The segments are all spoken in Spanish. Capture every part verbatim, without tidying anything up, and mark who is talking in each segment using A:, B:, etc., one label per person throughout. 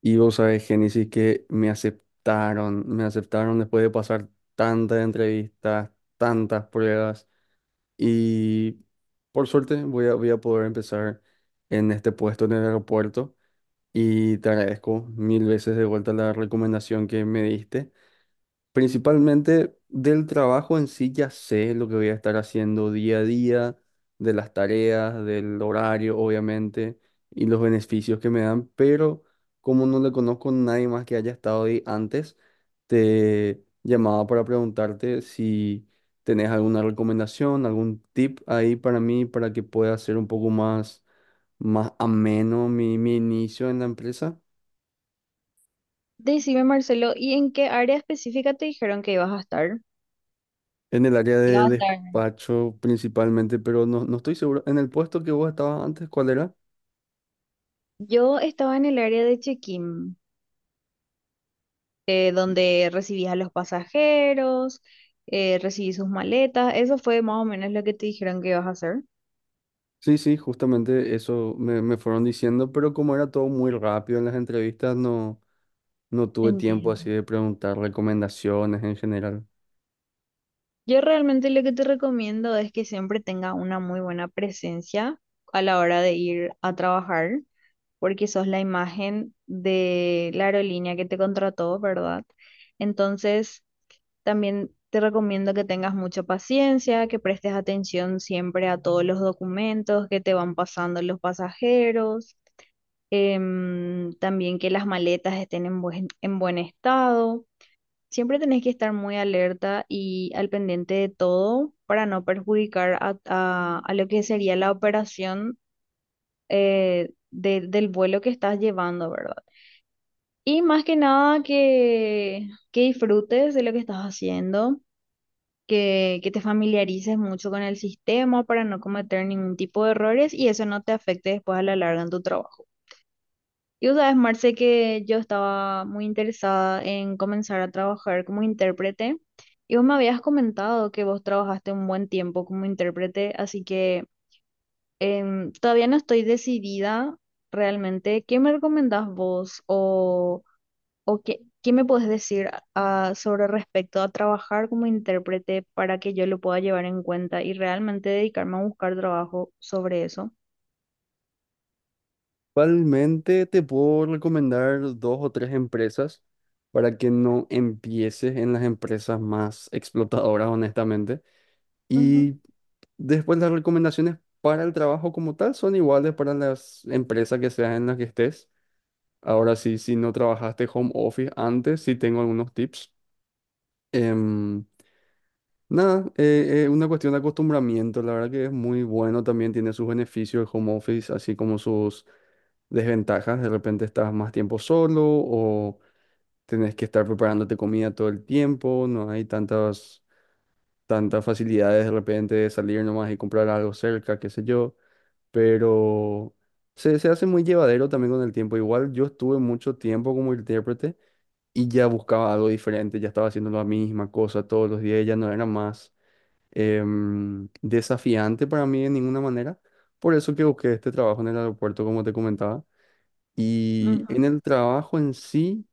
A: Y vos sabés, Génesis, que me aceptaron, me aceptaron después de pasar tantas entrevistas, tantas pruebas. Y por suerte voy a, voy a poder empezar en este puesto en el aeropuerto. Y te agradezco mil veces de vuelta la recomendación que me diste. Principalmente del trabajo en sí ya sé lo que voy a estar haciendo día a día, de las tareas, del horario, obviamente, y los beneficios que me dan, pero como no le conozco a nadie más que haya estado ahí antes, te llamaba para preguntarte si tenés alguna recomendación, algún tip ahí para mí para que pueda ser un poco más, más ameno mi, mi inicio en la empresa.
B: Decime, Marcelo, ¿y en qué área específica te dijeron que ibas a estar?
A: En el área
B: Iba
A: de
B: a estar.
A: despacho principalmente, pero no, no estoy seguro. En el puesto que vos estabas antes, ¿cuál era?
B: Yo estaba en el área de check-in, eh, donde recibías a los pasajeros, eh, recibí sus maletas. Eso fue más o menos lo que te dijeron que ibas a hacer.
A: Sí, sí, justamente eso me, me fueron diciendo, pero como era todo muy rápido en las entrevistas, no, no tuve tiempo
B: Entiendo.
A: así de preguntar recomendaciones en general.
B: Yo realmente lo que te recomiendo es que siempre tenga una muy buena presencia a la hora de ir a trabajar, porque sos la imagen de la aerolínea que te contrató, ¿verdad? Entonces también te recomiendo que tengas mucha paciencia, que prestes atención siempre a todos los documentos que te van pasando los pasajeros. Em, también que las maletas estén en buen, en buen estado. Siempre tenés que estar muy alerta y al pendiente de todo para no perjudicar a, a- a lo que sería la operación eh, de- del vuelo que estás llevando, ¿verdad? Y más que nada que, que disfrutes de lo que estás haciendo, que, que te familiarices mucho con el sistema para no cometer ningún tipo de errores y eso no te afecte después a la larga en tu trabajo. Y vos sabes, Marce, que yo estaba muy interesada en comenzar a trabajar como intérprete, y vos me habías comentado que vos trabajaste un buen tiempo como intérprete, así que em, todavía no estoy decidida realmente. ¿Qué me recomendás vos? O... ¿O qué, qué me puedes decir ah, sobre respecto a trabajar como intérprete, para que yo lo pueda llevar en cuenta y realmente dedicarme a buscar trabajo sobre eso?
A: Igualmente te puedo recomendar dos o tres empresas para que no empieces en las empresas más explotadoras, honestamente.
B: Ujú.
A: Y después las recomendaciones para el trabajo como tal son iguales para las empresas que seas en las que estés. Ahora sí, si no trabajaste home office antes, sí tengo algunos tips. Em, nada, eh, es una cuestión de acostumbramiento. La verdad que es muy bueno, también tiene sus beneficios el home office, así como sus desventajas. De repente estás más tiempo solo o tenés que estar preparándote comida todo el tiempo, no hay tantas, tantas facilidades de repente de salir nomás y comprar algo cerca, qué sé yo. Pero se, se hace muy llevadero también con el tiempo. Igual yo estuve mucho tiempo como intérprete y ya buscaba algo diferente, ya estaba haciendo la misma cosa todos los días, ya no era más em, desafiante para mí de ninguna manera. Por eso que busqué este trabajo en el aeropuerto, como te comentaba. Y
B: Ujú.
A: en el trabajo en sí...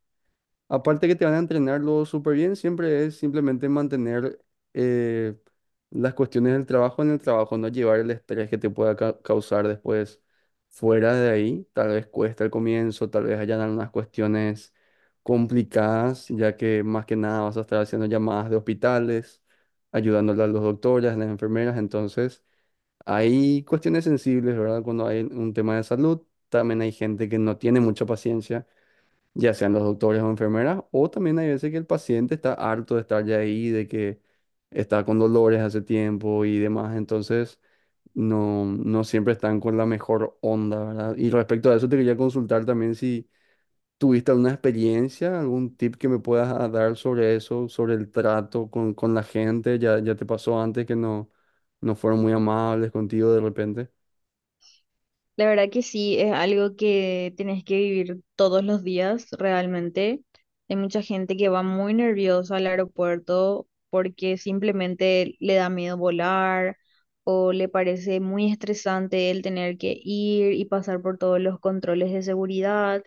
A: Aparte que te van a entrenarlo súper bien, siempre es simplemente mantener eh, las cuestiones del trabajo en el trabajo, no llevar el estrés que te pueda ca- causar después fuera de ahí. Tal vez cuesta al comienzo, tal vez hayan algunas cuestiones complicadas, ya que más que nada vas a estar haciendo llamadas de hospitales, ayudándole a los doctores, a las enfermeras. Entonces, hay cuestiones sensibles, ¿verdad? Cuando hay un tema de salud, también hay gente que no tiene mucha paciencia, ya sean los doctores o enfermeras, o también hay veces que el paciente está harto de estar ya ahí, de que está con dolores hace tiempo y demás, entonces no, no siempre están con la mejor onda, ¿verdad? Y respecto a eso te quería consultar también si tuviste alguna experiencia, algún tip que me puedas ah, dar sobre eso, sobre el trato con, con la gente, ya, ya te pasó antes que no, no fueron muy amables contigo de repente.
B: La verdad que sí, es algo que tenés que vivir todos los días realmente. Hay mucha gente que va muy nerviosa al aeropuerto porque simplemente le da miedo volar, o le parece muy estresante el tener que ir y pasar por todos los controles de seguridad.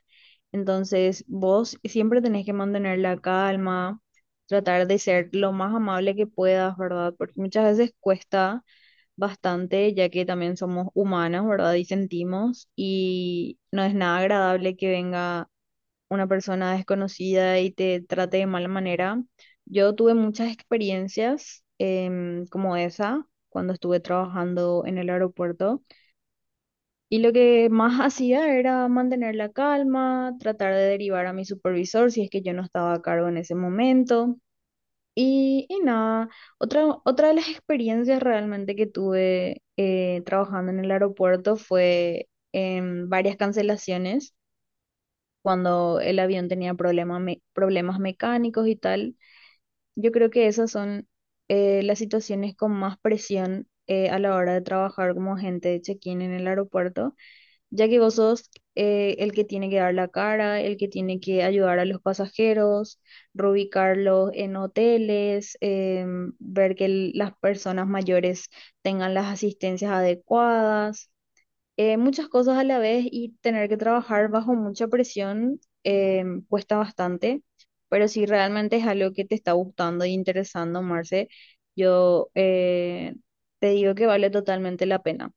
B: Entonces, vos siempre tenés que mantener la calma, tratar de ser lo más amable que puedas, ¿verdad? Porque muchas veces cuesta bastante, ya que también somos humanos, ¿verdad? Y sentimos, y no es nada agradable que venga una persona desconocida y te trate de mala manera. Yo tuve muchas experiencias em, como esa cuando estuve trabajando en el aeropuerto, y lo que más hacía era mantener la calma, tratar de derivar a mi supervisor si es que yo no estaba a cargo en ese momento. Y, y nada, otra, otra de las experiencias realmente que tuve eh, trabajando en el aeropuerto fue en varias cancelaciones, cuando el avión tenía problema me- problemas mecánicos y tal. Yo creo que esas son eh, las situaciones con más presión eh, a la hora de trabajar como agente de check-in en el aeropuerto, ya que vos sos eh, el que tiene que dar la cara, el que tiene que ayudar a los pasajeros, reubicarlos en hoteles. Em, ver que el- las personas mayores tengan las asistencias adecuadas, eh, muchas cosas a la vez, y tener que trabajar bajo mucha presión em, cuesta bastante, pero si realmente es algo que te está gustando y interesando, Marce, yo eh, te digo que vale totalmente la pena.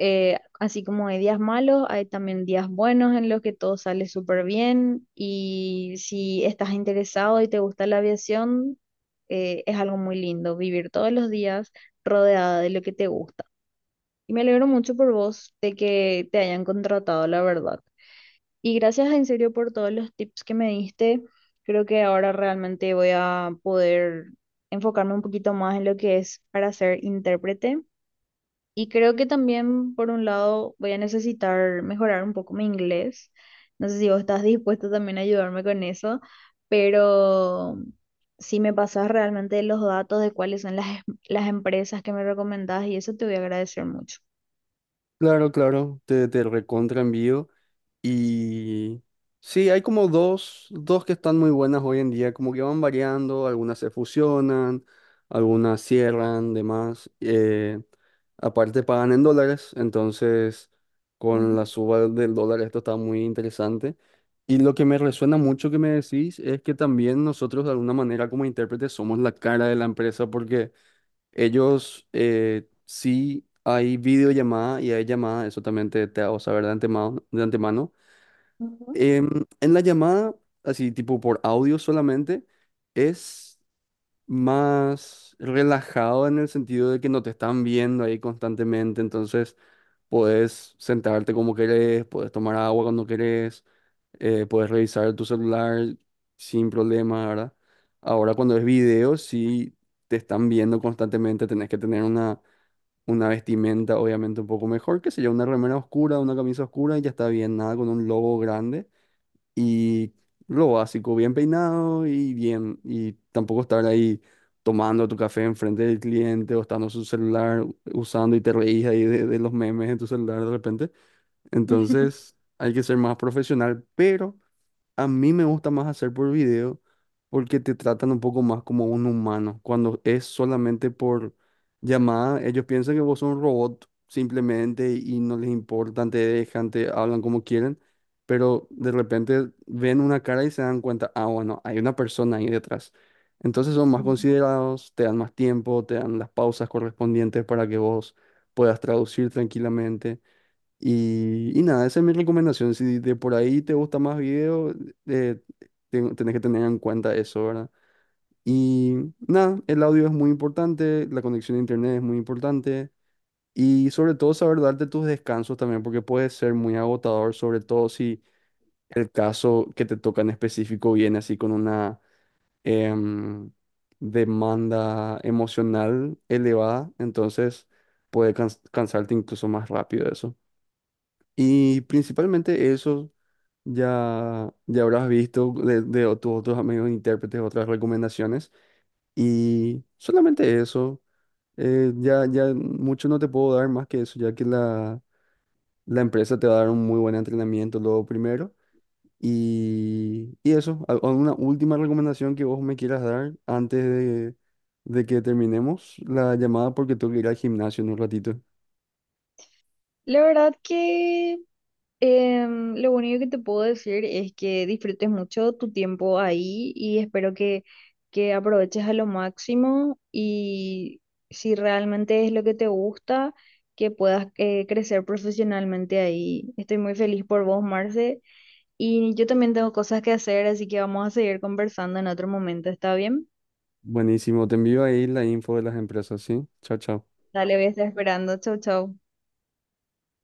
B: eh, Así como hay días malos, hay también días buenos en los que todo sale súper bien, y si estás interesado y te gusta la aviación, eh, es algo muy lindo vivir todos los días rodeada de lo que te gusta. Y me alegro mucho por vos de que te hayan contratado, la verdad. Y gracias en serio por todos los tips que me diste. Creo que ahora realmente voy a poder enfocarme un poquito más en lo que es para ser intérprete, y creo que también, por un lado, voy a necesitar mejorar un poco mi inglés. No sé si vos estás dispuesto también a ayudarme con eso, pero si me pasas realmente los datos de cuáles son las, em- las empresas que me recomendás y eso, te voy a agradecer mucho.
A: Claro, claro, te, te recontra envío. Y sí, hay como dos, dos que están muy buenas hoy en día, como que van variando, algunas se fusionan, algunas cierran, demás. Eh, aparte pagan en dólares, entonces
B: Ujú,
A: con la suba del dólar esto está muy interesante. Y lo que me resuena mucho que me decís es que también nosotros de alguna manera como intérpretes somos la cara de la empresa porque ellos eh, sí hay videollamada y hay llamada, eso también te, te hago saber de antemano, de antemano
B: ujú.
A: em, en la llamada, así tipo por audio solamente, es más relajado en el sentido de que no te están viendo ahí constantemente, entonces puedes sentarte como querés, puedes tomar agua cuando querés, eh, puedes revisar tu celular sin problema, ¿verdad? Ahora cuando es video, sí te están viendo constantemente, tenés que tener una, una vestimenta obviamente un poco mejor, que sería una remera oscura, una camisa oscura y ya está bien, nada con un logo grande y lo básico, bien peinado y bien, y tampoco estar ahí tomando tu café enfrente del cliente o estando su celular usando y te reís ahí de, de los memes en tu celular de repente. Entonces hay que ser más profesional, pero a mí me gusta más hacer por video porque te tratan un poco más como un humano. Cuando es solamente por llamada, ellos piensan que vos sos un robot simplemente y no les importan, te dejan, te hablan como quieren, pero de repente ven una cara y se dan cuenta, ah, bueno, hay una persona ahí detrás. Entonces son más considerados, te dan más tiempo, te dan las pausas correspondientes para que vos puedas traducir tranquilamente. Y, y nada, esa es mi recomendación. Si de por ahí te gusta más video, eh, ten- tenés que tener en cuenta eso, ¿verdad? Y nada, el audio es muy importante, la conexión a internet es muy importante y sobre todo saber darte tus descansos también, porque puede ser muy agotador, sobre todo si el caso que te toca en específico viene así con una em, demanda emocional elevada, entonces puede cans- cansarte incluso más rápido eso. Y principalmente eso ya, ya habrás visto de, de o- tus otros amigos intérpretes, otras recomendaciones. Y solamente eso, eh, ya, ya mucho no te puedo dar más que eso, ya que la, la empresa te va a dar un muy buen entrenamiento luego primero. Y, y eso, ¿al- ¿alguna última recomendación que vos me quieras dar antes de, de que terminemos la llamada? Porque tengo que ir al gimnasio en un ratito.
B: La verdad que… Em, lo único que te puedo decir es que disfrutes mucho tu tiempo ahí, y espero que, que aproveches a lo máximo, y si realmente es lo que te gusta, que puedas eh, crecer profesionalmente ahí. Estoy muy feliz por vos, Marce, y yo también tengo cosas que hacer, así que vamos a seguir conversando en otro momento, ¿está bien?
A: Buenísimo, te envío ahí la info de las empresas, ¿sí? Chao, chao.
B: Dale, voy a estar esperando. Chau, chau.